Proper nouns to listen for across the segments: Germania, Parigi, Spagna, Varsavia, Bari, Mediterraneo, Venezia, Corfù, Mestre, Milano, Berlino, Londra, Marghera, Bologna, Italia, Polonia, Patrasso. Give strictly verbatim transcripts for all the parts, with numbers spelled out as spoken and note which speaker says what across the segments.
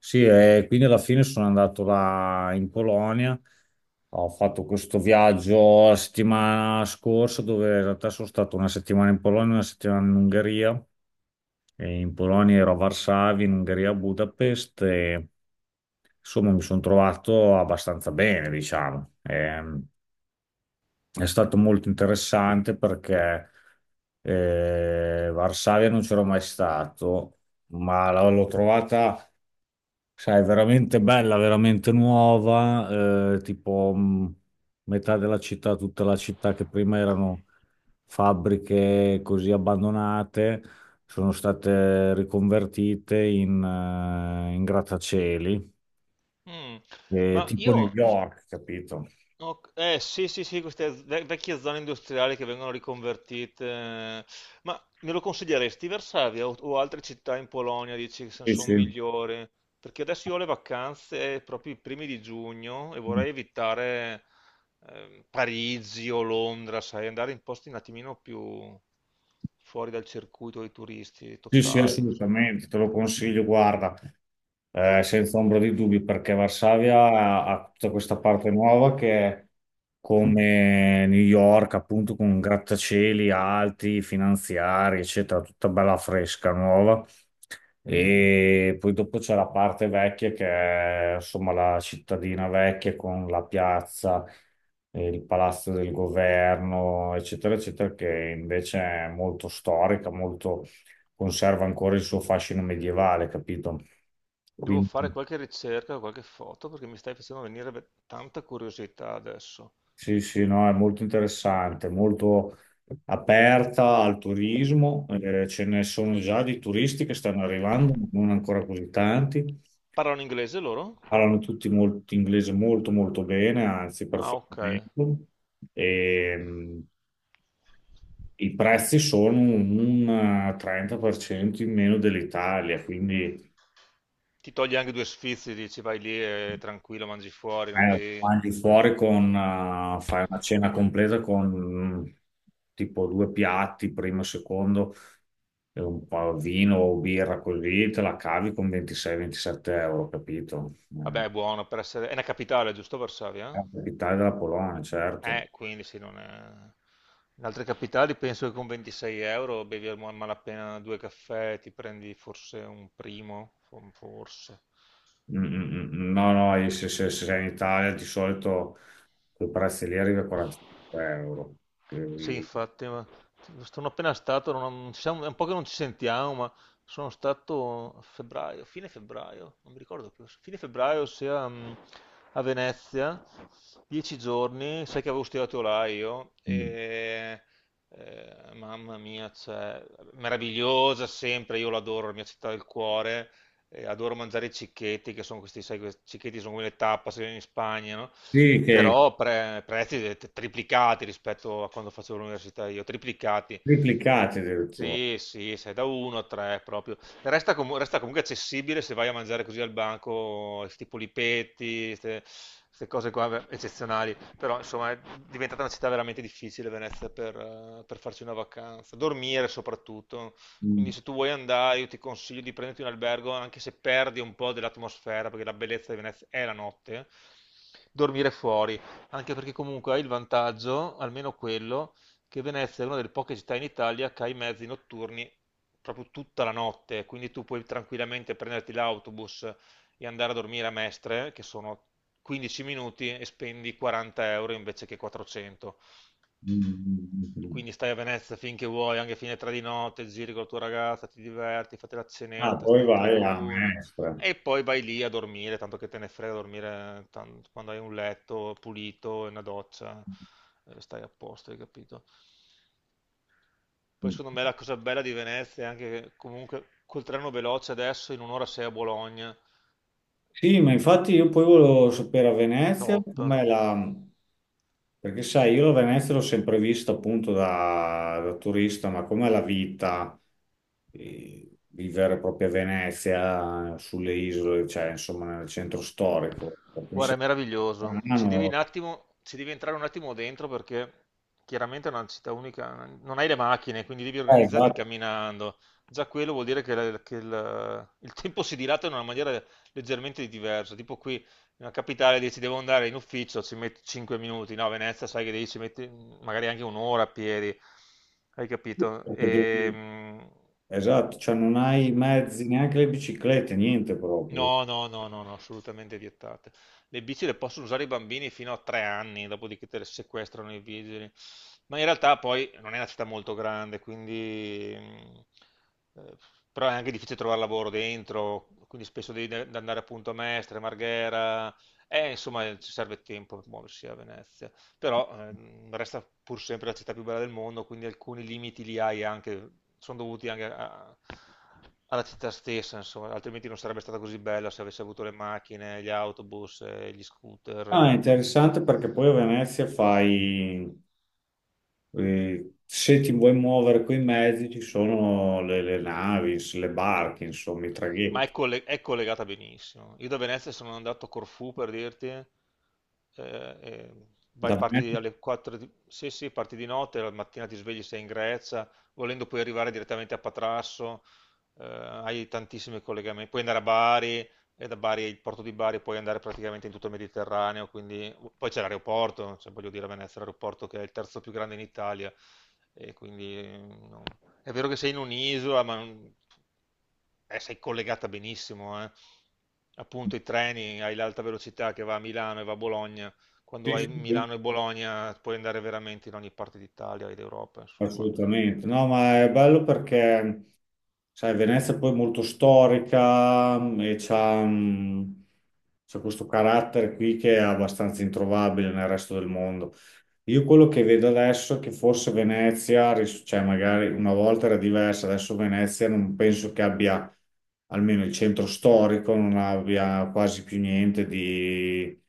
Speaker 1: Sì, e quindi alla fine sono andato là in Polonia. Ho fatto questo viaggio la settimana scorsa, dove in realtà sono stato una settimana in Polonia, una settimana in Ungheria. E in Polonia ero a Varsavia, in Ungheria a Budapest. E... insomma, mi sono trovato abbastanza bene, diciamo. Ehm, È stato molto interessante perché eh, Varsavia non c'ero mai stato, ma la- l'ho trovata, sai, veramente bella, veramente nuova, eh, tipo mh, metà della città, tutta la città che prima erano fabbriche così abbandonate, sono state riconvertite in, eh, in grattacieli,
Speaker 2: Mm.
Speaker 1: eh,
Speaker 2: Ma
Speaker 1: tipo New
Speaker 2: io,
Speaker 1: York, capito?
Speaker 2: ho- eh sì sì sì, queste ve- vecchie zone industriali che vengono riconvertite. eh, ma me lo consiglieresti Varsavia o, o altre città in Polonia, dici che
Speaker 1: Sì,
Speaker 2: sono
Speaker 1: sì,
Speaker 2: migliori? Perché adesso io ho le vacanze proprio i primi di giugno e vorrei evitare ehm, Parigi o Londra, sai, andare in posti un attimino più fuori dal circuito dei turisti
Speaker 1: sì, sì,
Speaker 2: totali, insomma.
Speaker 1: assolutamente, te lo consiglio, guarda. Eh, senza ombra di dubbi, perché Varsavia ha, ha tutta questa parte nuova che è come New York, appunto, con grattacieli alti, finanziari, eccetera, tutta bella fresca, nuova. E poi dopo c'è la parte vecchia che è insomma la cittadina vecchia con la piazza, eh, il palazzo del governo, eccetera, eccetera, che invece è molto storica, molto conserva ancora il suo fascino medievale, capito?
Speaker 2: Devo
Speaker 1: Quindi
Speaker 2: fare qualche ricerca, qualche foto, perché mi stai facendo venire ve- tanta curiosità adesso.
Speaker 1: sì, sì, no, è molto interessante, molto aperta al turismo, eh, ce ne sono già di turisti che stanno arrivando, non ancora così tanti.
Speaker 2: Parlano inglese loro?
Speaker 1: Parlano tutti molto, inglese molto molto bene, anzi
Speaker 2: Ah, ok.
Speaker 1: perfettamente. E, mh, i prezzi sono un eh, trenta per cento in meno dell'Italia, quindi
Speaker 2: Ti togli anche due sfizi, dici vai lì e tranquillo, mangi fuori, non
Speaker 1: eh,
Speaker 2: devi...
Speaker 1: mangi fuori con, eh, fai una cena completa con mh, tipo due piatti, primo e secondo, e un po' vino o birra così, te la cavi con ventisei-ventisette euro, capito? Eh,
Speaker 2: Vabbè, è buono per essere... È una capitale, giusto
Speaker 1: è
Speaker 2: Varsavia?
Speaker 1: la capitale della Polonia, certo.
Speaker 2: Eh, quindi sì, non è... In altre capitali penso che con ventisei euro bevi a malapena due caffè, ti prendi forse un primo, forse.
Speaker 1: Mm, mm, mm. No, no, e se, se- se sei in Italia di solito quei prezzi lì arriva a quarantacinque euro.
Speaker 2: Sì,
Speaker 1: Quindi-
Speaker 2: infatti, ma sono appena stato, non, non ci siamo- è un po' che non ci sentiamo, ma sono stato a febbraio, fine febbraio, non mi ricordo più, fine febbraio sia mm, a Venezia, dieci giorni, sai che avevo studiato là io.
Speaker 1: Mm.
Speaker 2: E eh, mamma mia, cioè, meravigliosa sempre, io l'adoro, la mia città del cuore. Eh, adoro mangiare i cicchetti, che sono questi, sai, questi cicchetti sono come le tapas in Spagna, no?
Speaker 1: Sì, che
Speaker 2: Però pre- prezzi de- triplicati rispetto a quando facevo l'università io, triplicati.
Speaker 1: triplicati addirittura.
Speaker 2: Sì, sì, sei da uno a tre proprio. Resta, comu- resta comunque accessibile se vai a mangiare così al banco, tipo lipetti, queste cose qua, beh, eccezionali. Però insomma è diventata una città veramente difficile Venezia per, eh, per farci una vacanza, dormire soprattutto.
Speaker 1: Mm,
Speaker 2: Quindi se tu vuoi andare, io ti consiglio di prenderti un albergo, anche se perdi un po' dell'atmosfera, perché la bellezza di Venezia è la notte, dormire fuori, anche perché comunque hai il vantaggio, almeno quello, che Venezia è una delle poche città in Italia che ha i mezzi notturni proprio tutta la notte, quindi tu puoi tranquillamente prenderti l'autobus e andare a dormire a Mestre, che sono quindici minuti e spendi quaranta euro invece che quattrocento.
Speaker 1: mm, mm, mm.
Speaker 2: Quindi stai a Venezia finché vuoi, anche fine tre di notte, giri con la tua ragazza, ti diverti, fate la
Speaker 1: Ah,
Speaker 2: cenetta, state
Speaker 1: poi
Speaker 2: in
Speaker 1: vai a
Speaker 2: lagoon
Speaker 1: Mestre.
Speaker 2: e poi vai lì a dormire, tanto che te ne frega dormire tan- quando hai un letto pulito e una doccia, eh, stai a posto, hai capito? Poi
Speaker 1: Mm.
Speaker 2: secondo me la cosa bella di Venezia è anche che comunque col treno veloce adesso in un'ora sei a Bologna,
Speaker 1: Sì, ma infatti io poi volevo sapere a Venezia
Speaker 2: top.
Speaker 1: com'è la... Perché sai, io la Venezia l'ho sempre vista appunto da, da turista, ma com'è la vita, eh, vivere proprio a Venezia, sulle isole, cioè insomma nel centro storico. Mi
Speaker 2: Guarda, è
Speaker 1: sembra
Speaker 2: meraviglioso. Ci devi un
Speaker 1: strano.
Speaker 2: attimo, ci devi entrare un attimo dentro perché chiaramente è una città unica, non hai le macchine, quindi devi
Speaker 1: Eh,
Speaker 2: organizzarti
Speaker 1: esatto,
Speaker 2: camminando. Già quello vuol dire che, la- che il, il tempo si dilata in una maniera leggermente diversa. Tipo qui, nella capitale, dici devo andare in ufficio, ci metti cinque minuti. No, a Venezia sai che devi ci metti magari anche un'ora a piedi. Hai capito?
Speaker 1: perché devi-
Speaker 2: Ehm,
Speaker 1: esatto, cioè non hai mezzi, neanche le biciclette, niente proprio.
Speaker 2: No, no, no, no, no, assolutamente vietate. Le bici le possono usare i bambini fino a tre anni, dopodiché te le sequestrano i vigili. Ma in realtà poi non è una città molto grande, quindi... mm, eh, però è anche difficile trovare lavoro dentro, quindi spesso devi de- andare appunto a Mestre, Marghera, e insomma ci serve tempo per muoversi a Venezia, però ehm, resta pur sempre la città più bella del mondo, quindi alcuni limiti li hai anche, sono dovuti anche a- alla città stessa, insomma, altrimenti non sarebbe stata così bella se avesse avuto le macchine, gli autobus, eh, gli scooter.
Speaker 1: Ah, è
Speaker 2: eh,
Speaker 1: interessante perché poi a Venezia fai... Eh, se ti vuoi muovere coi mezzi, ci sono le, le navi, le barche, insomma, i
Speaker 2: Ma è,
Speaker 1: traghetti.
Speaker 2: colle- è collegata benissimo. Io da Venezia sono andato a Corfù per dirti. eh, e Vai,
Speaker 1: Da me-
Speaker 2: parti alle quattro di... Sì, sì, parti di notte, la mattina ti svegli, sei in Grecia, volendo puoi arrivare direttamente a Patrasso. Eh, hai tantissimi collegamenti, puoi andare a Bari, e da Bari, il porto di Bari puoi andare praticamente in tutto il Mediterraneo, quindi poi c'è l'aeroporto, cioè, voglio dire a Venezia è l'aeroporto che è il terzo più grande in Italia, e quindi eh, no. è vero che sei in un'isola, ma non- eh, sei collegata benissimo, eh. Appunto i treni, hai l'alta velocità che va a Milano e va a Bologna,
Speaker 1: sì,
Speaker 2: quando hai
Speaker 1: sì, sì,
Speaker 2: Milano e Bologna puoi andare veramente in ogni parte d'Italia e d'Europa, insomma.
Speaker 1: assolutamente. No, ma è bello perché. Sai, Venezia poi è molto storica mm, e c'ha mm, c'ha questo carattere qui che è abbastanza introvabile nel resto del mondo. Io quello che vedo adesso è che forse Venezia, ris- cioè magari una volta era diversa, adesso Venezia non penso che abbia, almeno il centro storico, non abbia quasi più niente di,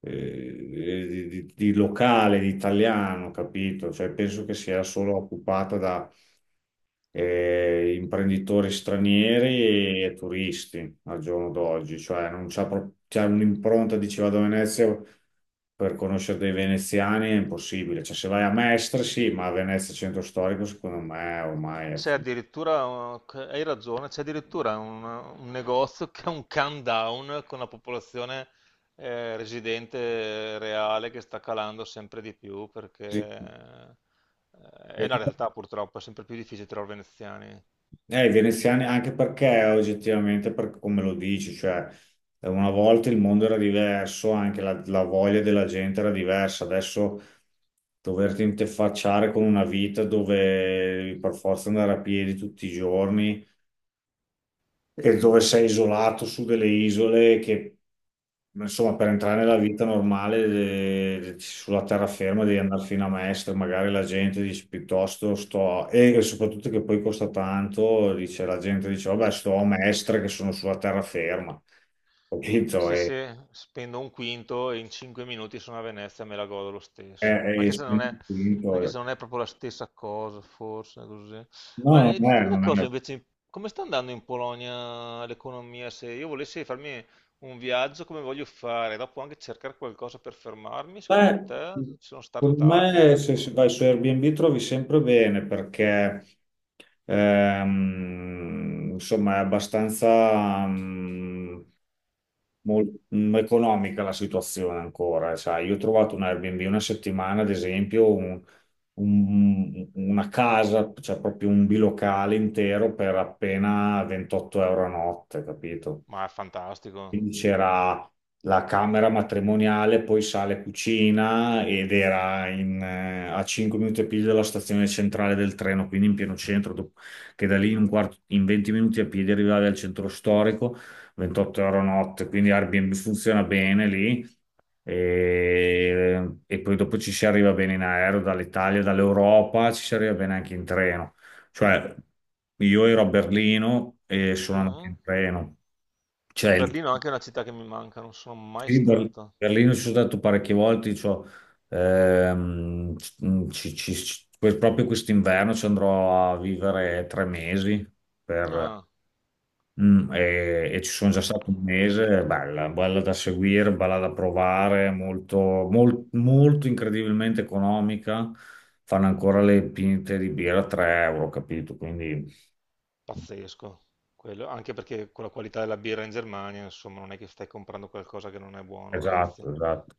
Speaker 1: eh, di, di- di locale, di italiano, capito? Cioè penso che sia solo occupata da eh, imprenditori stranieri e turisti al giorno d'oggi, cioè non c'è pro- c'è un'impronta di ci vado a Venezia per conoscere dei veneziani è impossibile, cioè se vai a Mestre sì, ma a Venezia centro storico secondo me ormai è...
Speaker 2: C'è
Speaker 1: fu-
Speaker 2: addirittura, eh, hai ragione, c'è addirittura un, un negozio che ha un countdown con la popolazione eh, residente reale che sta calando sempre di più perché
Speaker 1: Sì.
Speaker 2: eh, è una realtà purtroppo, è sempre più difficile trovare veneziani.
Speaker 1: Eh, i veneziani, anche perché oggettivamente, per come lo dici, cioè eh, una volta il mondo era diverso, anche la, la voglia della gente era diversa. Adesso doverti interfacciare con una vita dove per forza andare a piedi tutti i giorni e dove sei isolato su delle isole che, insomma, per entrare nella vita normale eh, sulla terraferma devi andare fino a Mestre, magari la gente dice piuttosto sto, e soprattutto che poi costa tanto, dice, la gente dice, vabbè, sto a Mestre che sono sulla terraferma, capito?
Speaker 2: Sì,
Speaker 1: E,
Speaker 2: sì, spendo un quinto e in cinque minuti sono a Venezia e me la godo lo stesso.
Speaker 1: e, e
Speaker 2: Anche se non è,
Speaker 1: spendi
Speaker 2: anche
Speaker 1: tutto.
Speaker 2: se non è proprio la stessa cosa, forse, così. Ma
Speaker 1: No,
Speaker 2: eh,
Speaker 1: non
Speaker 2: ditemi
Speaker 1: è,
Speaker 2: una
Speaker 1: non
Speaker 2: cosa
Speaker 1: è.
Speaker 2: invece, come sta andando in Polonia l'economia? Se io volessi farmi un viaggio come voglio fare, dopo anche cercare qualcosa per fermarmi, secondo
Speaker 1: Beh,
Speaker 2: te ci sono
Speaker 1: secondo
Speaker 2: start-up,
Speaker 1: me se, se
Speaker 2: qualcosa?
Speaker 1: vai su Airbnb trovi sempre bene perché ehm, insomma è abbastanza mm, mol- mm, economica la situazione ancora. Sai, io ho trovato un Airbnb una settimana, ad esempio, un- un- una casa, cioè proprio un bilocale intero per appena ventotto euro a notte, capito?
Speaker 2: Ma è fantastico.
Speaker 1: Quindi c'era la camera matrimoniale, poi sale cucina ed era in, eh, a cinque minuti a piedi dalla stazione centrale del treno, quindi in pieno centro, dop- che da lì in, un quarto, in venti minuti a piedi arrivavi al centro storico, ventotto euro notte, quindi Airbnb funziona bene lì e, e poi dopo ci si arriva bene in aereo dall'Italia, dall'Europa, ci si arriva bene anche in treno. Cioè, io ero a Berlino e sono andato
Speaker 2: Mm.
Speaker 1: in treno. Cioè,
Speaker 2: Berlino è anche una città che mi manca, non sono mai
Speaker 1: sì, Ber-
Speaker 2: stato.
Speaker 1: Berlino ci sono stato parecchie volte, cioè, ehm, ci- ci- ci- que- proprio quest'inverno ci andrò a vivere tre mesi per-
Speaker 2: Ah.
Speaker 1: mm, e, e ci sono già stato un mese, è bella, bella da seguire, bella da provare, molto, mol- molto incredibilmente economica, fanno ancora le pinte di birra a tre euro, capito? Quindi
Speaker 2: Pazzesco, quello, anche perché con la qualità della birra in Germania, insomma, non è che stai comprando qualcosa che non è buono, anzi.
Speaker 1: esatto, esatto.